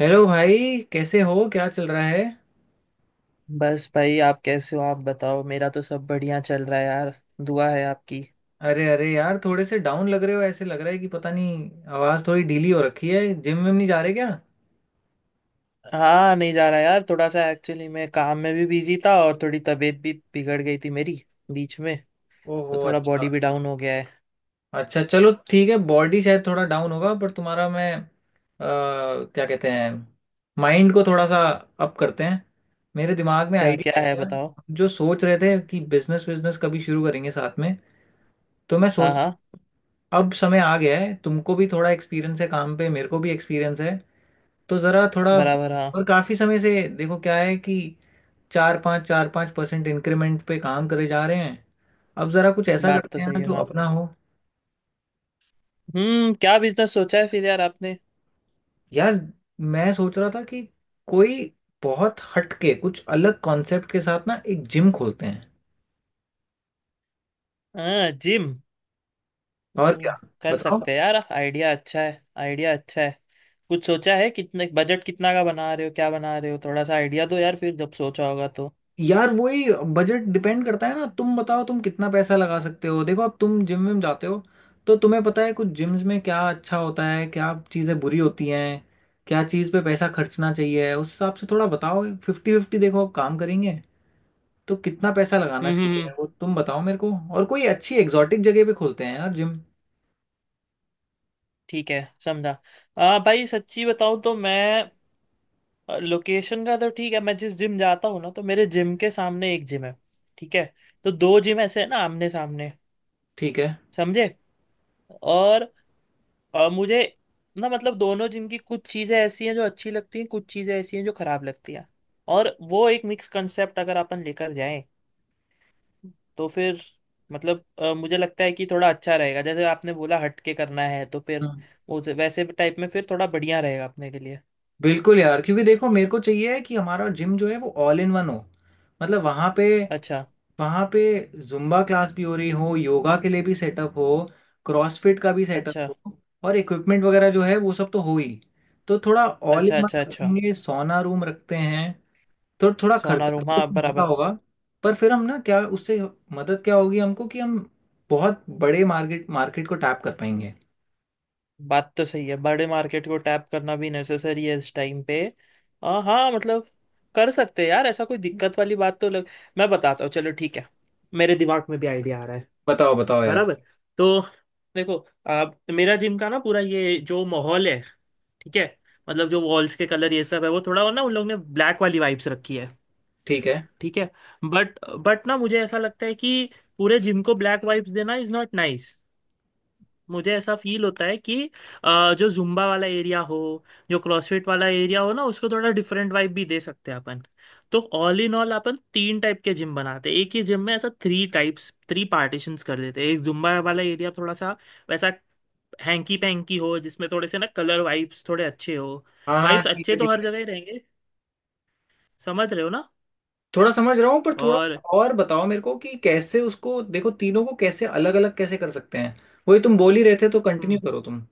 Hello भाई। कैसे हो, क्या चल रहा है? बस भाई, आप कैसे हो? आप बताओ, मेरा तो सब बढ़िया चल रहा है यार। दुआ है आपकी। अरे अरे यार, थोड़े से डाउन लग रहे हो। ऐसे लग रहा है कि पता नहीं, आवाज़ थोड़ी ढीली हो रखी है। जिम में नहीं जा रहे क्या? हाँ, नहीं जा रहा यार, थोड़ा सा एक्चुअली मैं काम में भी बिजी था, और थोड़ी तबीयत भी बिगड़ गई थी मेरी बीच में। तो ओहो, थोड़ा अच्छा। बॉडी भी डाउन हो गया है। अच्छा चलो, ठीक है। बॉडी शायद थोड़ा डाउन होगा, पर तुम्हारा मैं क्या कहते हैं, माइंड को थोड़ा सा अप करते हैं। मेरे दिमाग में क्या? क्या आइडिया है आया। बताओ। जो सोच रहे थे कि बिजनेस विजनेस कभी शुरू करेंगे साथ में, तो मैं हाँ सोच, हाँ, अब समय आ गया है। तुमको भी थोड़ा एक्सपीरियंस है काम पे, मेरे को भी एक्सपीरियंस है, तो जरा थोड़ा। बराबर, हाँ। और काफी समय से देखो क्या है कि चार पाँच परसेंट इंक्रीमेंट पे काम करे जा रहे हैं। अब जरा कुछ ऐसा बात करते तो हैं सही ना है, जो हाँ। अपना हो। हम्म, क्या बिजनेस सोचा है फिर यार आपने? यार, मैं सोच रहा था कि कोई बहुत हटके कुछ अलग कॉन्सेप्ट के साथ ना एक जिम खोलते हैं। हाँ, जिम। और हम्म, क्या, कर बताओ। सकते हैं यार, आइडिया अच्छा है, आइडिया अच्छा है। कुछ सोचा है? कितने बजट, कितना का बना रहे हो, क्या बना रहे हो? थोड़ा सा आइडिया दो यार, फिर जब सोचा होगा तो। यार वही, बजट डिपेंड करता है ना। तुम बताओ तुम कितना पैसा लगा सकते हो। देखो, अब तुम जिम में जाते हो तो तुम्हें पता है कुछ जिम्स में क्या अच्छा होता है, क्या चीज़ें बुरी होती हैं, क्या चीज़ पे पैसा खर्चना चाहिए। उस हिसाब से थोड़ा बताओ। फिफ्टी फिफ्टी देखो, अब काम करेंगे तो कितना पैसा लगाना हम्म चाहिए हम्म, वो तुम बताओ मेरे को। और कोई अच्छी एग्जॉटिक जगह पे खोलते हैं यार जिम। ठीक है, समझा। भाई सच्ची बताऊं तो मैं, लोकेशन का तो ठीक है, मैं जिस जिम जाता हूँ ना, तो मेरे जिम के सामने एक जिम है। ठीक है। तो दो जिम ऐसे है ना, आमने सामने। ठीक है। समझे? और मुझे ना मतलब, दोनों जिम की कुछ चीजें ऐसी हैं जो अच्छी लगती हैं, कुछ चीजें ऐसी हैं जो खराब लगती हैं। और वो एक मिक्स कंसेप्ट अगर अपन लेकर जाएं, तो फिर मतलब मुझे लगता है कि थोड़ा अच्छा रहेगा। जैसे आपने बोला हट के करना है, तो फिर हम्म, वो वैसे टाइप में फिर थोड़ा बढ़िया रहेगा अपने के लिए। बिल्कुल यार, क्योंकि देखो मेरे को चाहिए है कि हमारा जिम जो है वो ऑल इन वन हो। मतलब वहाँ पे अच्छा, वहाँ पे जुम्बा क्लास भी हो रही हो, योगा के लिए भी सेटअप हो, क्रॉसफिट का भी सेटअप अच्छा, हो, और इक्विपमेंट वगैरह जो है वो सब तो हो ही। तो थोड़ा ऑल अच्छा, इन अच्छा, वन अच्छा। रखेंगे, सोना रूम रखते हैं। तो थोड़ा खर्चा तो सोनारूमा, हाँ, देखो महंगा बराबर। होगा, पर फिर हम ना क्या उससे, मदद क्या होगी हमको कि हम बहुत बड़े मार्केट मार्केट को टैप कर पाएंगे। बात तो सही है, बड़े मार्केट को टैप करना भी नेसेसरी है इस टाइम पे। हाँ, मतलब कर सकते हैं यार, ऐसा कोई दिक्कत वाली बात तो लग। मैं बताता हूँ, चलो ठीक है, मेरे दिमाग में भी आइडिया आ रहा है। बताओ बताओ यार। बराबर। तो देखो, आप मेरा जिम का ना पूरा ये जो माहौल है, ठीक है, मतलब जो वॉल्स के कलर ये सब है, वो थोड़ा ना उन लोग ने ब्लैक वाली वाइब्स रखी है। ठीक है। ठीक है। बट बट ना मुझे ऐसा लगता है कि पूरे जिम को ब्लैक वाइब्स देना इज नॉट नाइस। मुझे ऐसा फील होता है कि जो जुम्बा वाला एरिया हो, जो क्रॉसफिट वाला एरिया हो ना, उसको थोड़ा डिफरेंट वाइब भी दे सकते हैं अपन। तो all in all, upon 3 type के जिम बनाते हैं एक ही जिम में, ऐसा थ्री टाइप्स थ्री पार्टीशंस कर देते हैं। एक जुम्बा वाला एरिया थोड़ा सा वैसा हैंकी पैंकी हो, जिसमें थोड़े से ना कलर वाइब्स थोड़े अच्छे हो। हाँ हाँ, वाइब्स ठीक अच्छे है तो ठीक हर है। जगह ही रहेंगे, समझ रहे हो ना? थोड़ा समझ रहा हूँ पर थोड़ा और और बताओ मेरे को कि कैसे उसको, देखो तीनों को कैसे अलग अलग कैसे कर सकते हैं। वही तुम बोल ही रहे थे तो कंटिन्यू हम्म, करो तुम।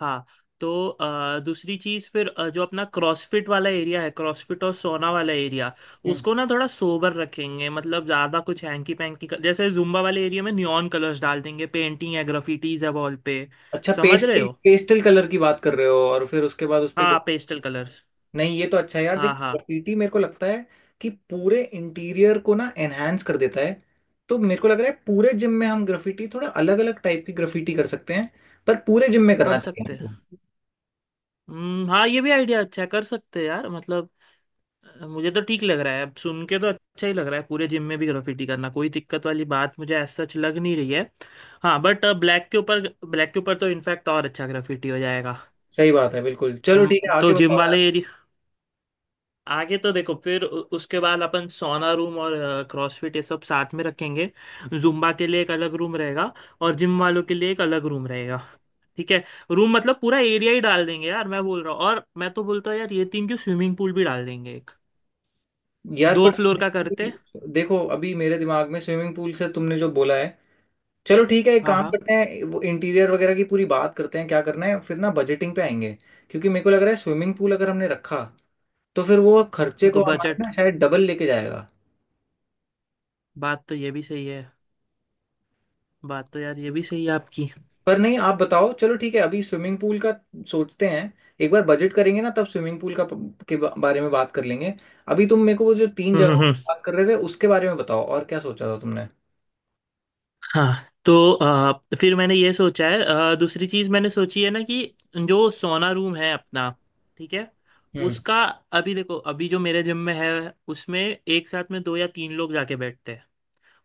हाँ। तो दूसरी चीज फिर, जो अपना क्रॉसफिट वाला एरिया है, क्रॉसफिट और सोना वाला एरिया, हम्म। उसको ना थोड़ा सोबर रखेंगे। मतलब ज्यादा कुछ हैंकी पैंकी जैसे जुम्बा वाले एरिया में नियॉन कलर्स डाल देंगे, पेंटिंग है, ग्राफिटीज है वॉल पे, अच्छा, समझ रहे पेस्टल हो? पेस्टल कलर की बात कर रहे हो, और फिर उसके बाद उस पे हाँ, ग्रे-। Pastel colours. नहीं, ये तो अच्छा है यार। हाँ देखो, हाँ, ग्राफिटी मेरे को लगता है कि पूरे इंटीरियर को ना एनहेंस कर देता है। तो मेरे को लग रहा है पूरे जिम में हम ग्राफिटी, थोड़ा अलग अलग टाइप की ग्राफिटी कर सकते हैं, पर पूरे जिम में कर करना चाहिए सकते हैं। हमको। हाँ, ये भी आइडिया अच्छा है, कर सकते हैं यार। मतलब मुझे तो ठीक लग रहा है, अब सुन के तो अच्छा ही लग रहा है। पूरे जिम में भी ग्राफिटी करना, कोई दिक्कत वाली बात मुझे एज सच लग नहीं रही है। हाँ, बट ब्लैक के ऊपर, ब्लैक के ऊपर तो इनफैक्ट और अच्छा ग्राफिटी हो जाएगा। सही बात है, बिल्कुल। चलो ठीक है, तो आगे जिम बताओ। वाले एरिया, आगे तो देखो, फिर उसके बाद अपन सोना रूम और क्रॉसफिट ये सब साथ में रखेंगे। जुम्बा के लिए एक अलग रूम रहेगा, और जिम वालों के लिए एक अलग रूम रहेगा। ठीक है? रूम मतलब पूरा एरिया ही डाल देंगे यार, मैं बोल रहा हूँ। और मैं तो बोलता हूँ यार, ये तीन क्यों, स्विमिंग पूल भी डाल देंगे एक, यार दो पर फ्लोर का करते। देखो, अभी मेरे दिमाग में स्विमिंग पूल से तुमने जो बोला है, चलो ठीक है एक हाँ काम हाँ, करते हैं, वो इंटीरियर वगैरह की पूरी बात करते हैं क्या करना है, फिर ना बजटिंग पे आएंगे। क्योंकि मेरे को लग रहा है स्विमिंग पूल अगर हमने रखा, तो फिर वो खर्चे तो को हमारे बजट, ना शायद डबल लेके जाएगा। बात तो ये भी सही है, बात तो यार ये भी सही है आपकी। पर नहीं, आप बताओ। चलो ठीक है, अभी स्विमिंग पूल का सोचते हैं। एक बार बजट करेंगे ना, तब स्विमिंग पूल का बारे में बात कर लेंगे। अभी तुम मेरे को वो जो तीन हम्म जगहों हम्म की हम्म। बात कर रहे थे उसके बारे में बताओ, और क्या सोचा था तुमने? हाँ, तो फिर मैंने ये सोचा है, दूसरी चीज मैंने सोची है ना कि जो सोना रूम है अपना, ठीक है, हम्म। उसका अभी देखो, अभी जो मेरे जिम में है, उसमें एक साथ में 2 या 3 लोग जाके बैठते हैं।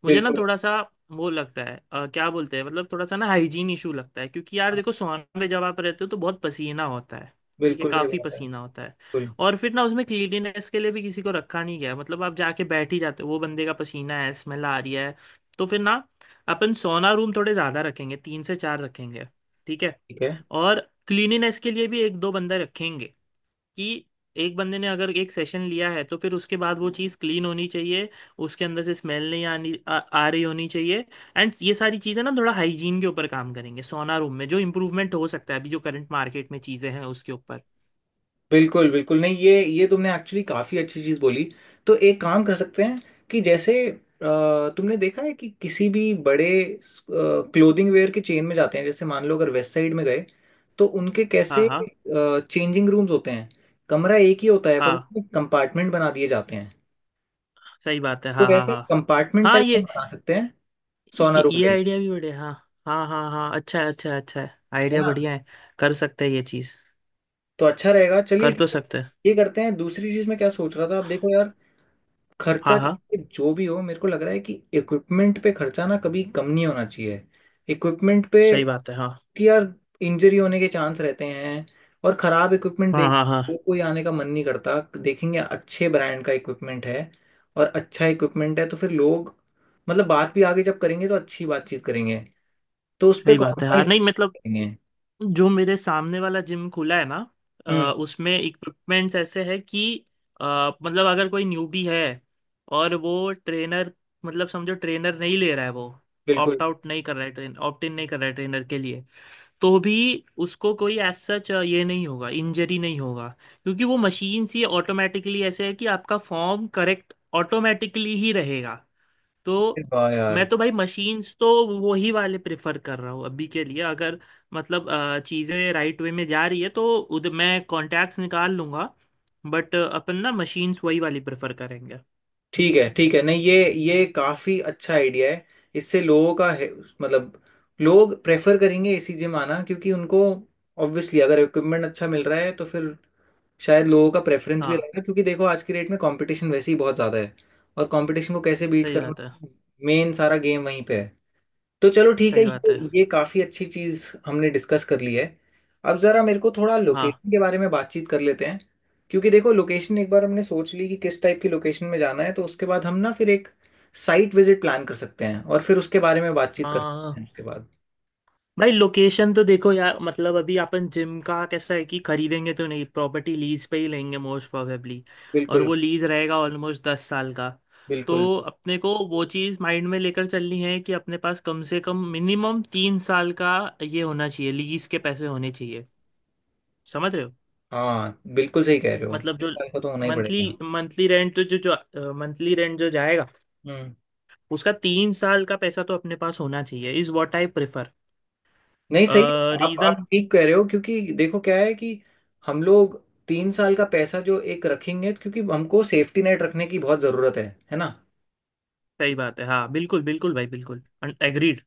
मुझे ना बिल्कुल। थोड़ा सा वो लगता है, क्या बोलते हैं, मतलब थोड़ा सा ना हाइजीन इशू लगता है। क्योंकि यार हाँ, देखो, सोन में जब आप रहते हो तो बहुत पसीना होता है। ठीक है, बिल्कुल सही काफी बात है। पसीना होता है। बिल्कुल। और फिर ना उसमें क्लीनिनेस के लिए भी किसी को रखा नहीं गया है। मतलब आप जाके बैठ ही जाते हो, वो बंदे का पसीना है, स्मेल आ रही है। तो फिर ना, अपन सोना रूम थोड़े ज्यादा रखेंगे, 3 से 4 रखेंगे। ठीक है। ठीक है। और क्लीनिनेस के लिए भी एक दो बंदे रखेंगे, कि एक बंदे ने अगर एक सेशन लिया है, तो फिर उसके बाद वो चीज़ क्लीन होनी चाहिए, उसके अंदर से स्मेल नहीं आनी आ रही होनी चाहिए। एंड ये सारी चीज़ें ना थोड़ा हाइजीन के ऊपर काम करेंगे, सोना रूम में जो इम्प्रूवमेंट हो सकता है अभी जो करंट मार्केट में चीज़ें हैं उसके ऊपर। बिल्कुल। बिल्कुल नहीं ये तुमने एक्चुअली काफ़ी अच्छी चीज़ बोली। तो एक काम कर सकते हैं कि जैसे, तुमने देखा है कि किसी भी बड़े क्लोथिंग वेयर के चेन में जाते हैं, जैसे मान लो अगर वेस्ट साइड में गए, तो उनके हाँ कैसे हाँ चेंजिंग रूम्स होते हैं, कमरा एक ही होता है पर हाँ, उसमें कंपार्टमेंट बना दिए जाते हैं। सही बात है। तो हाँ हाँ वैसे हाँ, कंपार्टमेंट हाँ टाइप हम ये, बना सकते हैं सोना ये, रूम ये के लिए। आइडिया भी बढ़िया, हाँ। हाँ हाँ हाँ, अच्छा है, अच्छा है, अच्छा है, है आइडिया ना? बढ़िया है। कर सकते हैं ये चीज़, तो अच्छा रहेगा, चलिए कर ठीक तो है। सकते हैं। ये करते हैं। दूसरी चीज़ में क्या सोच रहा था, आप देखो यार, हाँ खर्चा हाँ, चाहे जो भी हो, मेरे को लग रहा है कि इक्विपमेंट पे खर्चा ना कभी कम नहीं होना चाहिए। इक्विपमेंट पे सही बात है। हाँ कि यार, इंजरी होने के चांस रहते हैं, और खराब इक्विपमेंट हाँ हाँ, हाँ कोई आने का मन नहीं करता। देखेंगे अच्छे ब्रांड का इक्विपमेंट है, और अच्छा इक्विपमेंट है तो फिर लोग, मतलब बात भी आगे जब करेंगे तो अच्छी बातचीत करेंगे। तो उस पर सही बात है, हाँ कॉम्प्रोमाइज नहीं, मतलब करेंगे। जो मेरे सामने वाला जिम खुला है ना, अ, हम्म, उसमें इक्विपमेंट्स ऐसे है कि अ, मतलब अगर कोई न्यूबी है और वो ट्रेनर, मतलब समझो ट्रेनर नहीं ले रहा है, वो ऑप्ट बिल्कुल। आउट नहीं कर रहा है, ट्रेन ऑप्ट इन नहीं कर रहा है ट्रेनर के लिए, तो भी उसको कोई एज सच ये नहीं होगा, इंजरी नहीं होगा। क्योंकि वो मशीन सी ऑटोमेटिकली ऐसे है कि आपका फॉर्म करेक्ट ऑटोमेटिकली ही रहेगा। अरे तो वाह यार। मैं तो भाई, मशीन्स तो वो ही वाले प्रेफर कर रहा हूँ अभी के लिए। अगर मतलब चीज़ें राइट वे में जा रही है तो उधर मैं कॉन्टैक्ट्स निकाल लूँगा। बट अपन ना मशीन्स वही वाली प्रेफर करेंगे। ठीक है ठीक है, नहीं ये काफी अच्छा आइडिया है। इससे लोगों का है, मतलब लोग प्रेफर करेंगे एसी जिम आना, क्योंकि उनको ऑब्वियसली अगर इक्विपमेंट अच्छा मिल रहा है, तो फिर शायद लोगों का प्रेफरेंस भी हाँ, रहेगा। क्योंकि देखो आज की डेट में कंपटीशन वैसे ही बहुत ज़्यादा है, और कंपटीशन को कैसे बीट सही करना, बात है, मेन सारा गेम वहीं पे है। तो चलो ठीक है, सही बात ये है। ये काफ़ी अच्छी चीज़ हमने डिस्कस कर ली है। अब ज़रा मेरे को थोड़ा हाँ लोकेशन के बारे में बातचीत कर लेते हैं। क्योंकि देखो, लोकेशन एक बार हमने सोच ली कि किस टाइप की लोकेशन में जाना है, तो उसके बाद हम ना फिर एक साइट विजिट प्लान कर सकते हैं, और फिर उसके बारे में बातचीत कर हाँ हाँ, सकते हाँ। हैं उसके बाद। भाई लोकेशन तो देखो यार, मतलब अभी अपन जिम का कैसा है कि खरीदेंगे तो नहीं, प्रॉपर्टी लीज पे ही लेंगे, मोस्ट प्रोबेबली। और बिल्कुल। वो लीज रहेगा ऑलमोस्ट 10 साल का। तो बिल्कुल। अपने को वो चीज़ माइंड में लेकर चलनी है कि अपने पास कम से कम मिनिमम 3 साल का ये होना चाहिए, लीज के पैसे होने चाहिए, समझ रहे हो? हाँ बिल्कुल सही कह रहे हो, मतलब एक जो साल का तो होना ही मंथली, पड़ेगा। मंथली रेंट तो, जो जो मंथली रेंट जो जाएगा, हम्म। उसका 3 साल का पैसा तो अपने पास होना चाहिए, इज व्हाट आई प्रेफर। नहीं सही है, आप रीजन। ठीक कह रहे हो। क्योंकि देखो क्या है कि हम लोग तीन साल का पैसा जो एक रखेंगे, तो क्योंकि हमको सेफ्टी नेट रखने की बहुत ज़रूरत है। है ना? सही बात है, हाँ बिल्कुल, बिल्कुल भाई, बिल्कुल, एग्रीड।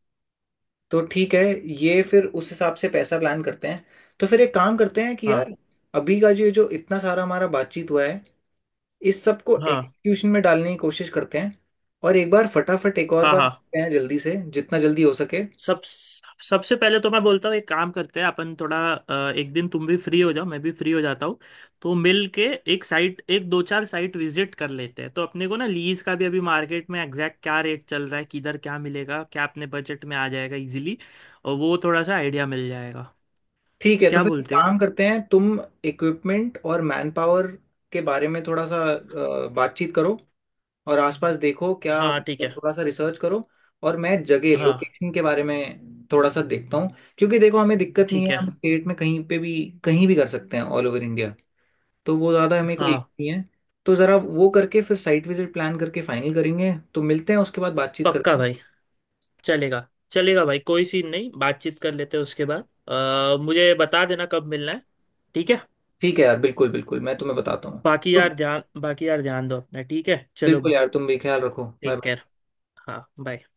तो ठीक है, ये फिर उस हिसाब से पैसा प्लान करते हैं। तो फिर एक काम करते हैं कि हाँ यार, अभी का जो जो इतना सारा हमारा बातचीत हुआ है, इस सब को हाँ एग्जीक्यूशन में डालने की कोशिश करते हैं, और एक बार फटाफट एक और हाँ, बार हाँ। देखते हैं जल्दी से, जितना जल्दी हो सके। सब सबसे पहले तो मैं बोलता हूँ, एक काम करते हैं अपन, थोड़ा एक दिन तुम भी फ्री हो जाओ, मैं भी फ्री हो जाता हूँ, तो मिल के एक साइट, एक दो चार साइट विजिट कर लेते हैं, तो अपने को ना लीज का भी अभी मार्केट में एग्जैक्ट क्या रेट चल रहा है, किधर क्या मिलेगा, क्या अपने बजट में आ जाएगा इजीली, और वो थोड़ा सा आइडिया मिल जाएगा। ठीक है। तो क्या फिर एक बोलते हो? काम करते हैं, तुम इक्विपमेंट और मैन पावर के बारे में थोड़ा सा बातचीत करो, और आसपास देखो, क्या हाँ ठीक है, थोड़ा सा रिसर्च करो। और मैं जगह, हाँ लोकेशन के बारे में थोड़ा सा देखता हूँ। क्योंकि देखो हमें दिक्कत नहीं ठीक है, है, हम स्टेट में कहीं पे भी, कहीं भी कर सकते हैं, ऑल ओवर इंडिया। तो वो ज़्यादा हमें कोई हाँ। issue नहीं है। तो ज़रा वो करके फिर साइट विजिट प्लान करके फाइनल करेंगे, तो मिलते हैं उसके बाद बातचीत पक्का करते हैं। भाई, चलेगा चलेगा भाई, कोई सीन नहीं, बातचीत कर लेते हैं उसके बाद, मुझे बता देना कब मिलना है। ठीक है। ठीक है यार, बिल्कुल बिल्कुल, मैं तुम्हें बताता हूँ। बाकी तो यार ध्यान, बाकी यार ध्यान दो अपना, ठीक है, चलो, बिल्कुल यार, तुम भी ख्याल रखो। Take bye. केयर। हाँ bye।